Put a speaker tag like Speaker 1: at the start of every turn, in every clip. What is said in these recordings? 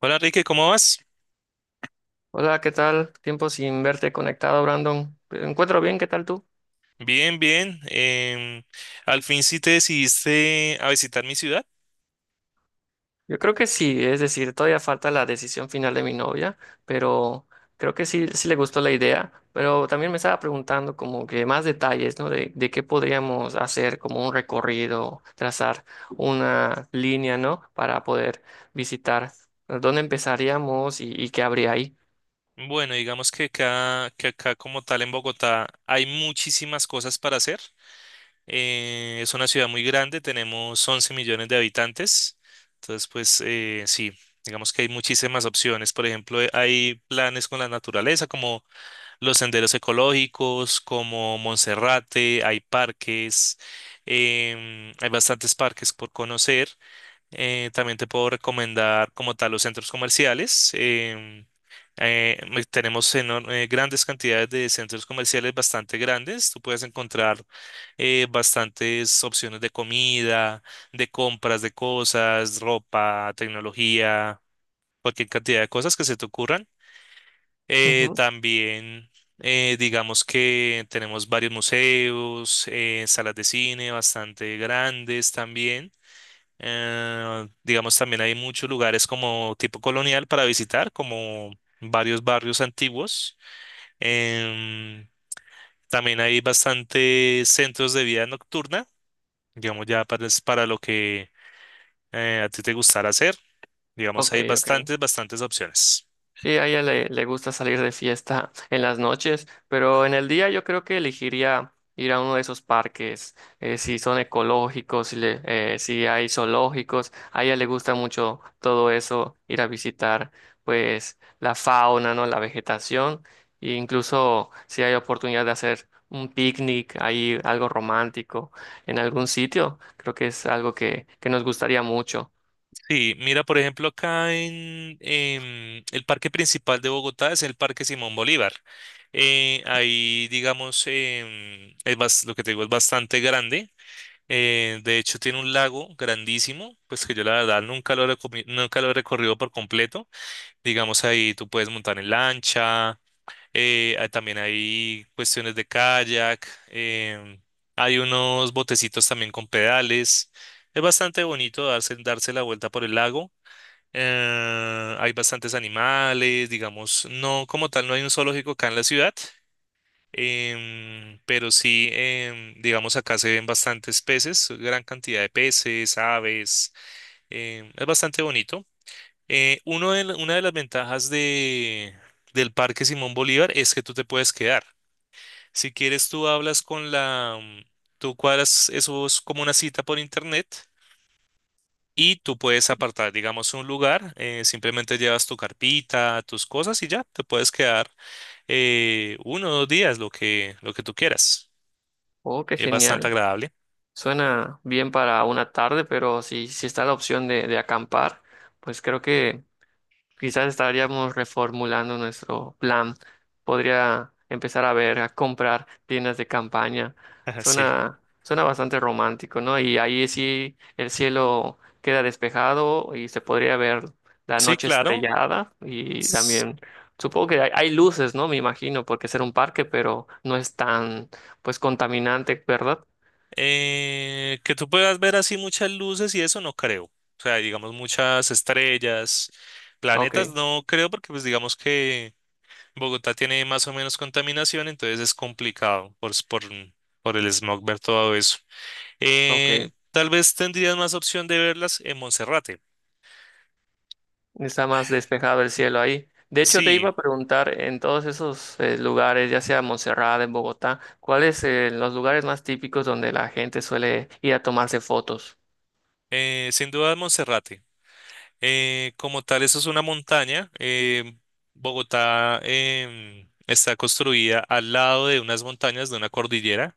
Speaker 1: Hola Enrique, ¿cómo vas?
Speaker 2: Hola, ¿qué tal? Tiempo sin verte conectado, Brandon. Me encuentro bien, ¿qué tal tú?
Speaker 1: Bien, bien. Al fin sí te decidiste a visitar mi ciudad.
Speaker 2: Yo creo que sí, es decir, todavía falta la decisión final de mi novia, pero creo que sí, sí le gustó la idea, pero también me estaba preguntando como que más detalles, ¿no? De qué podríamos hacer como un recorrido, trazar una línea, ¿no? Para poder visitar dónde empezaríamos y, qué habría ahí.
Speaker 1: Bueno, digamos que acá como tal en Bogotá hay muchísimas cosas para hacer. Es una ciudad muy grande, tenemos 11 millones de habitantes. Entonces, pues sí, digamos que hay muchísimas opciones. Por ejemplo, hay planes con la naturaleza como los senderos ecológicos, como Monserrate, hay parques, hay bastantes parques por conocer. También te puedo recomendar como tal los centros comerciales. Tenemos grandes cantidades de centros comerciales bastante grandes. Tú puedes encontrar bastantes opciones de comida, de compras de cosas, ropa, tecnología, cualquier cantidad de cosas que se te ocurran.
Speaker 2: Ujú.
Speaker 1: También, digamos que tenemos varios museos, salas de cine bastante grandes también. Digamos, también hay muchos lugares como tipo colonial para visitar, como varios barrios antiguos. Em, También hay bastantes centros de vida nocturna, digamos, es para lo que a ti te gustará hacer. Digamos,
Speaker 2: Ok,
Speaker 1: hay
Speaker 2: ok.
Speaker 1: bastantes, bastantes opciones.
Speaker 2: Sí, a ella le gusta salir de fiesta en las noches, pero en el día yo creo que elegiría ir a uno de esos parques, si son ecológicos, si hay zoológicos, a ella le gusta mucho todo eso, ir a visitar pues la fauna, ¿no? La vegetación, e incluso si hay oportunidad de hacer un picnic ahí, algo romántico en algún sitio, creo que es algo que nos gustaría mucho.
Speaker 1: Sí, mira, por ejemplo, acá en el parque principal de Bogotá es el Parque Simón Bolívar. Ahí, digamos, lo que te digo es bastante grande. De hecho, tiene un lago grandísimo, pues que yo la verdad nunca lo he recorrido por completo. Digamos, ahí tú puedes montar en lancha, también hay cuestiones de kayak, hay unos botecitos también con pedales. Es bastante bonito darse la vuelta por el lago. Hay bastantes animales, digamos, no como tal, no hay un zoológico acá en la ciudad. Pero sí, digamos, acá se ven bastantes peces, gran cantidad de peces, aves, es bastante bonito. Una de las ventajas del Parque Simón Bolívar es que tú te puedes quedar. Si quieres, tú hablas tú cuadras, eso es como una cita por internet y tú puedes apartar, digamos, un lugar, simplemente llevas tu carpita, tus cosas y ya, te puedes quedar uno o dos días, lo que tú quieras.
Speaker 2: Oh, qué
Speaker 1: Es bastante
Speaker 2: genial.
Speaker 1: agradable.
Speaker 2: Suena bien para una tarde, pero si está la opción de acampar, pues creo que quizás estaríamos reformulando nuestro plan. Podría empezar a ver, a comprar tiendas de campaña.
Speaker 1: Ajá, sí,
Speaker 2: Suena bastante romántico, ¿no? Y ahí sí el cielo queda despejado y se podría ver la
Speaker 1: sí,
Speaker 2: noche
Speaker 1: claro.
Speaker 2: estrellada y
Speaker 1: S-
Speaker 2: también supongo que hay luces, ¿no? Me imagino, porque ser un parque, pero no es tan, pues, contaminante, ¿verdad?
Speaker 1: que tú puedas ver así muchas luces y eso no creo. O sea, digamos muchas estrellas, planetas,
Speaker 2: Ok.
Speaker 1: no creo porque pues digamos que Bogotá tiene más o menos contaminación, entonces es complicado por el smog ver todo eso.
Speaker 2: Ok,
Speaker 1: Tal vez tendrías más opción de verlas en Monserrate.
Speaker 2: está más despejado el cielo ahí. De hecho, te iba
Speaker 1: Sí,
Speaker 2: a preguntar en todos esos lugares, ya sea Montserrat, en Bogotá, ¿cuáles son los lugares más típicos donde la gente suele ir a tomarse fotos?
Speaker 1: sin duda Monserrate. Como tal, eso es una montaña. Bogotá está construida al lado de unas montañas, de una cordillera.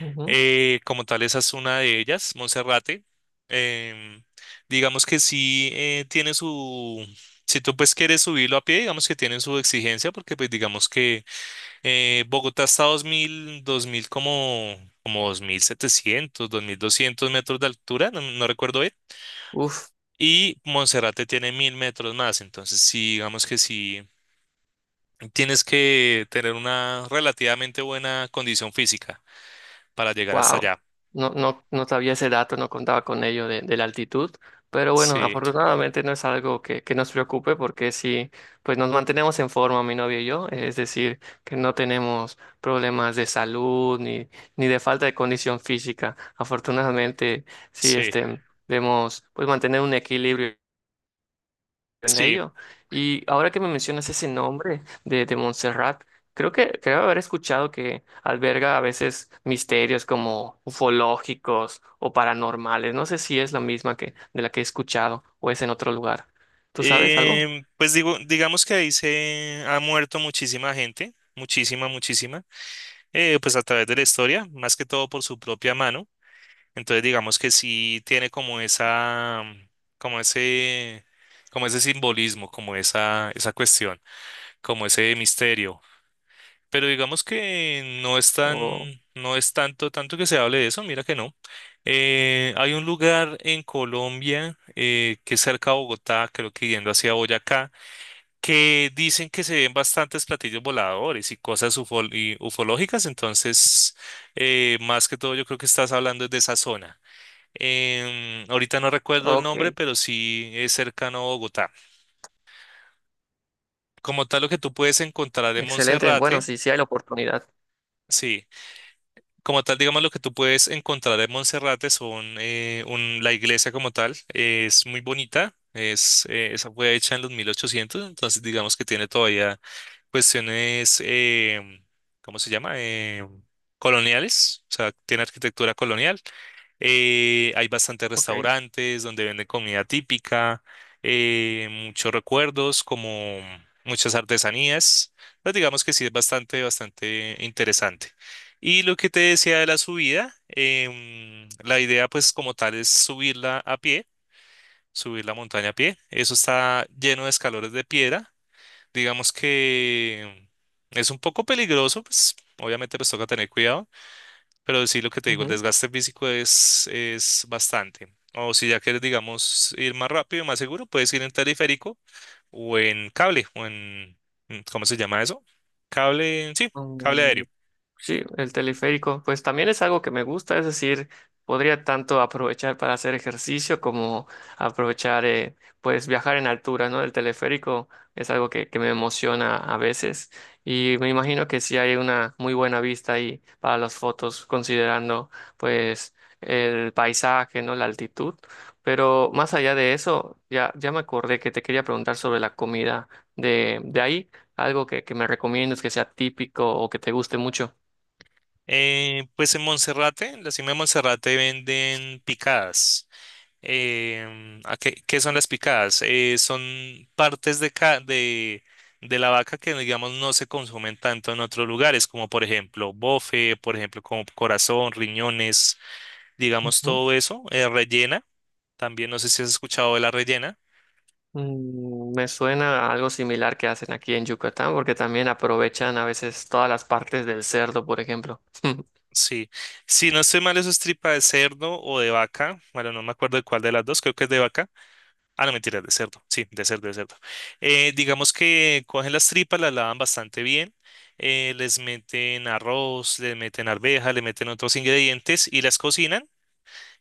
Speaker 2: Ujú.
Speaker 1: Como tal, esa es una de ellas, Monserrate. Em, digamos que sí tiene su... Si tú pues quieres subirlo a pie, digamos que tienen su exigencia, porque pues digamos que Bogotá está a dos mil, dos mil como dos 2.700, 2.200 metros de altura, no recuerdo bien.
Speaker 2: Uf,
Speaker 1: Y Monserrate tiene 1.000 metros más, entonces sí, digamos que sí, tienes que tener una relativamente buena condición física para llegar hasta
Speaker 2: wow,
Speaker 1: allá.
Speaker 2: no sabía ese dato, no contaba con ello de la altitud, pero bueno,
Speaker 1: Sí,
Speaker 2: afortunadamente no es algo que nos preocupe porque sí, pues nos mantenemos en forma, mi novia y yo, es decir, que no tenemos problemas de salud ni, ni de falta de condición física. Afortunadamente, sí,
Speaker 1: sí,
Speaker 2: este, debemos pues mantener un equilibrio en
Speaker 1: sí.
Speaker 2: ello. Y ahora que me mencionas ese nombre de Montserrat, creo haber escuchado que alberga a veces misterios como ufológicos o paranormales. No sé si es la misma que de la que he escuchado o es en otro lugar. ¿Tú sabes algo?
Speaker 1: Digamos que ahí se ha muerto muchísima gente, muchísima, muchísima, pues a través de la historia, más que todo por su propia mano. Entonces digamos que sí tiene como ese, como ese simbolismo, como esa cuestión, como ese misterio. Pero digamos que
Speaker 2: O
Speaker 1: no es tanto, tanto que se hable de eso, mira que no. Hay un lugar en Colombia que es cerca de Bogotá, creo que yendo hacia Boyacá, que dicen que se ven bastantes platillos voladores y cosas y ufológicas, entonces más que todo yo creo que estás hablando de esa zona. Ahorita no recuerdo el
Speaker 2: ok,
Speaker 1: nombre, pero sí es cercano a Bogotá. Como tal, lo que tú puedes encontrar en
Speaker 2: excelente. Bueno,
Speaker 1: Monserrate,
Speaker 2: sí, sí hay la oportunidad.
Speaker 1: sí. Como tal, digamos, lo que tú puedes encontrar en Monserrate son la iglesia como tal, es muy bonita, esa fue hecha en los 1800, entonces digamos que tiene todavía cuestiones, ¿cómo se llama? Coloniales, o sea, tiene arquitectura colonial. Hay bastantes
Speaker 2: Ok.
Speaker 1: restaurantes donde venden comida típica, muchos recuerdos, como muchas artesanías. Entonces, digamos que sí es bastante, bastante interesante. Y lo que te decía de la subida, la idea pues como tal es subirla a pie, subir la montaña a pie. Eso está lleno de escalones de piedra. Digamos que es un poco peligroso, pues obviamente pues toca tener cuidado, pero sí lo que te digo, el
Speaker 2: Ujú.
Speaker 1: desgaste físico es bastante. O si ya quieres, digamos, ir más rápido y más seguro, puedes ir en teleférico o en cable, ¿cómo se llama eso? Cable, sí, cable aéreo.
Speaker 2: Sí, el teleférico, pues también es algo que me gusta, es decir, podría tanto aprovechar para hacer ejercicio como aprovechar, pues viajar en altura, ¿no? El teleférico es algo que me emociona a veces y me imagino que sí hay una muy buena vista ahí para las fotos, considerando pues el paisaje, ¿no? La altitud. Pero más allá de eso, ya me acordé que te quería preguntar sobre la comida de ahí, algo que me recomiendas que sea típico o que te guste mucho.
Speaker 1: Pues en Monserrate, en la cima de Monserrate venden picadas. ¿Qué son las picadas? Son partes de la vaca que, digamos, no se consumen tanto en otros lugares, como por ejemplo bofe, por ejemplo, como corazón, riñones, digamos,
Speaker 2: Ujú.
Speaker 1: todo eso. Rellena, también no sé si has escuchado de la rellena.
Speaker 2: Mm, me suena a algo similar que hacen aquí en Yucatán, porque también aprovechan a veces todas las partes del cerdo, por ejemplo.
Speaker 1: Sí, si no estoy mal, eso es tripa de cerdo o de vaca. Bueno, no me acuerdo de cuál de las dos, creo que es de vaca. Ah, no, mentira, de cerdo. Sí, de cerdo, de cerdo. Digamos que cogen las tripas, las lavan bastante bien. Les meten arroz, les meten arveja, le meten otros ingredientes y las cocinan.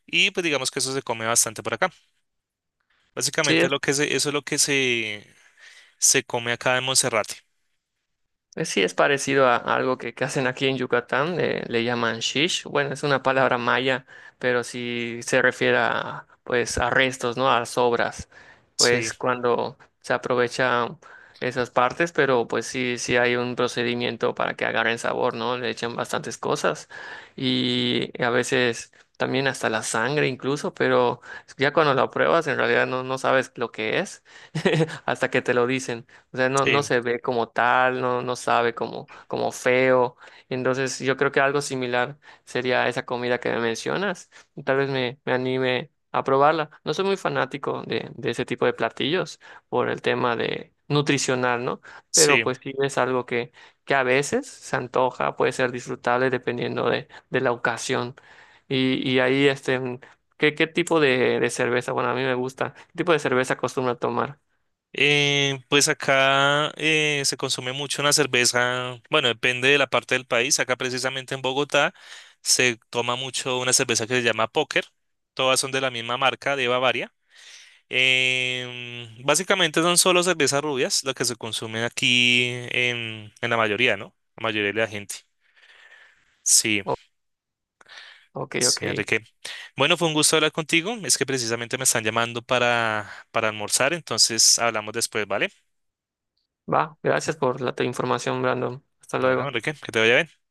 Speaker 1: Y pues digamos que eso se come bastante por acá.
Speaker 2: Sí,
Speaker 1: Básicamente eso es lo que se come acá en Monserrate.
Speaker 2: pues sí, es parecido a algo que hacen aquí en Yucatán, le llaman shish. Bueno, es una palabra maya, pero sí se refiere a, pues, a restos, ¿no? A sobras.
Speaker 1: Sí,
Speaker 2: Pues cuando se aprovecha esas partes, pero pues sí, sí hay un procedimiento para que agarren sabor, ¿no? Le echan bastantes cosas y a veces también hasta la sangre incluso, pero ya cuando la pruebas en realidad no, no sabes lo que es hasta que te lo dicen. O sea, no, no
Speaker 1: sí,
Speaker 2: se ve como tal, no, no sabe como, como feo. Entonces, yo creo que algo similar sería esa comida que me mencionas. Tal vez me anime a probarla. No soy muy fanático de ese tipo de platillos por el tema de nutricional, ¿no? Pero
Speaker 1: sí.
Speaker 2: pues sí es algo que a veces se antoja, puede ser disfrutable dependiendo de la ocasión. Ahí, este, mm, ¿qué tipo de cerveza? Bueno, a mí me gusta. ¿Qué tipo de cerveza acostumbra tomar?
Speaker 1: Pues acá se consume mucho una cerveza, bueno, depende de la parte del país. Acá precisamente en Bogotá se toma mucho una cerveza que se llama Póker. Todas son de la misma marca, de Bavaria. Básicamente son solo cervezas rubias lo que se consume aquí en la mayoría, ¿no? La mayoría de la gente. Sí,
Speaker 2: O- ok, ok.
Speaker 1: sí, Enrique. Bueno, fue un gusto hablar contigo. Es que precisamente me están llamando para almorzar, entonces hablamos después, ¿vale?
Speaker 2: Va, gracias por la te- información, Brandon. Hasta
Speaker 1: Bueno,
Speaker 2: luego.
Speaker 1: Enrique, que te vaya bien.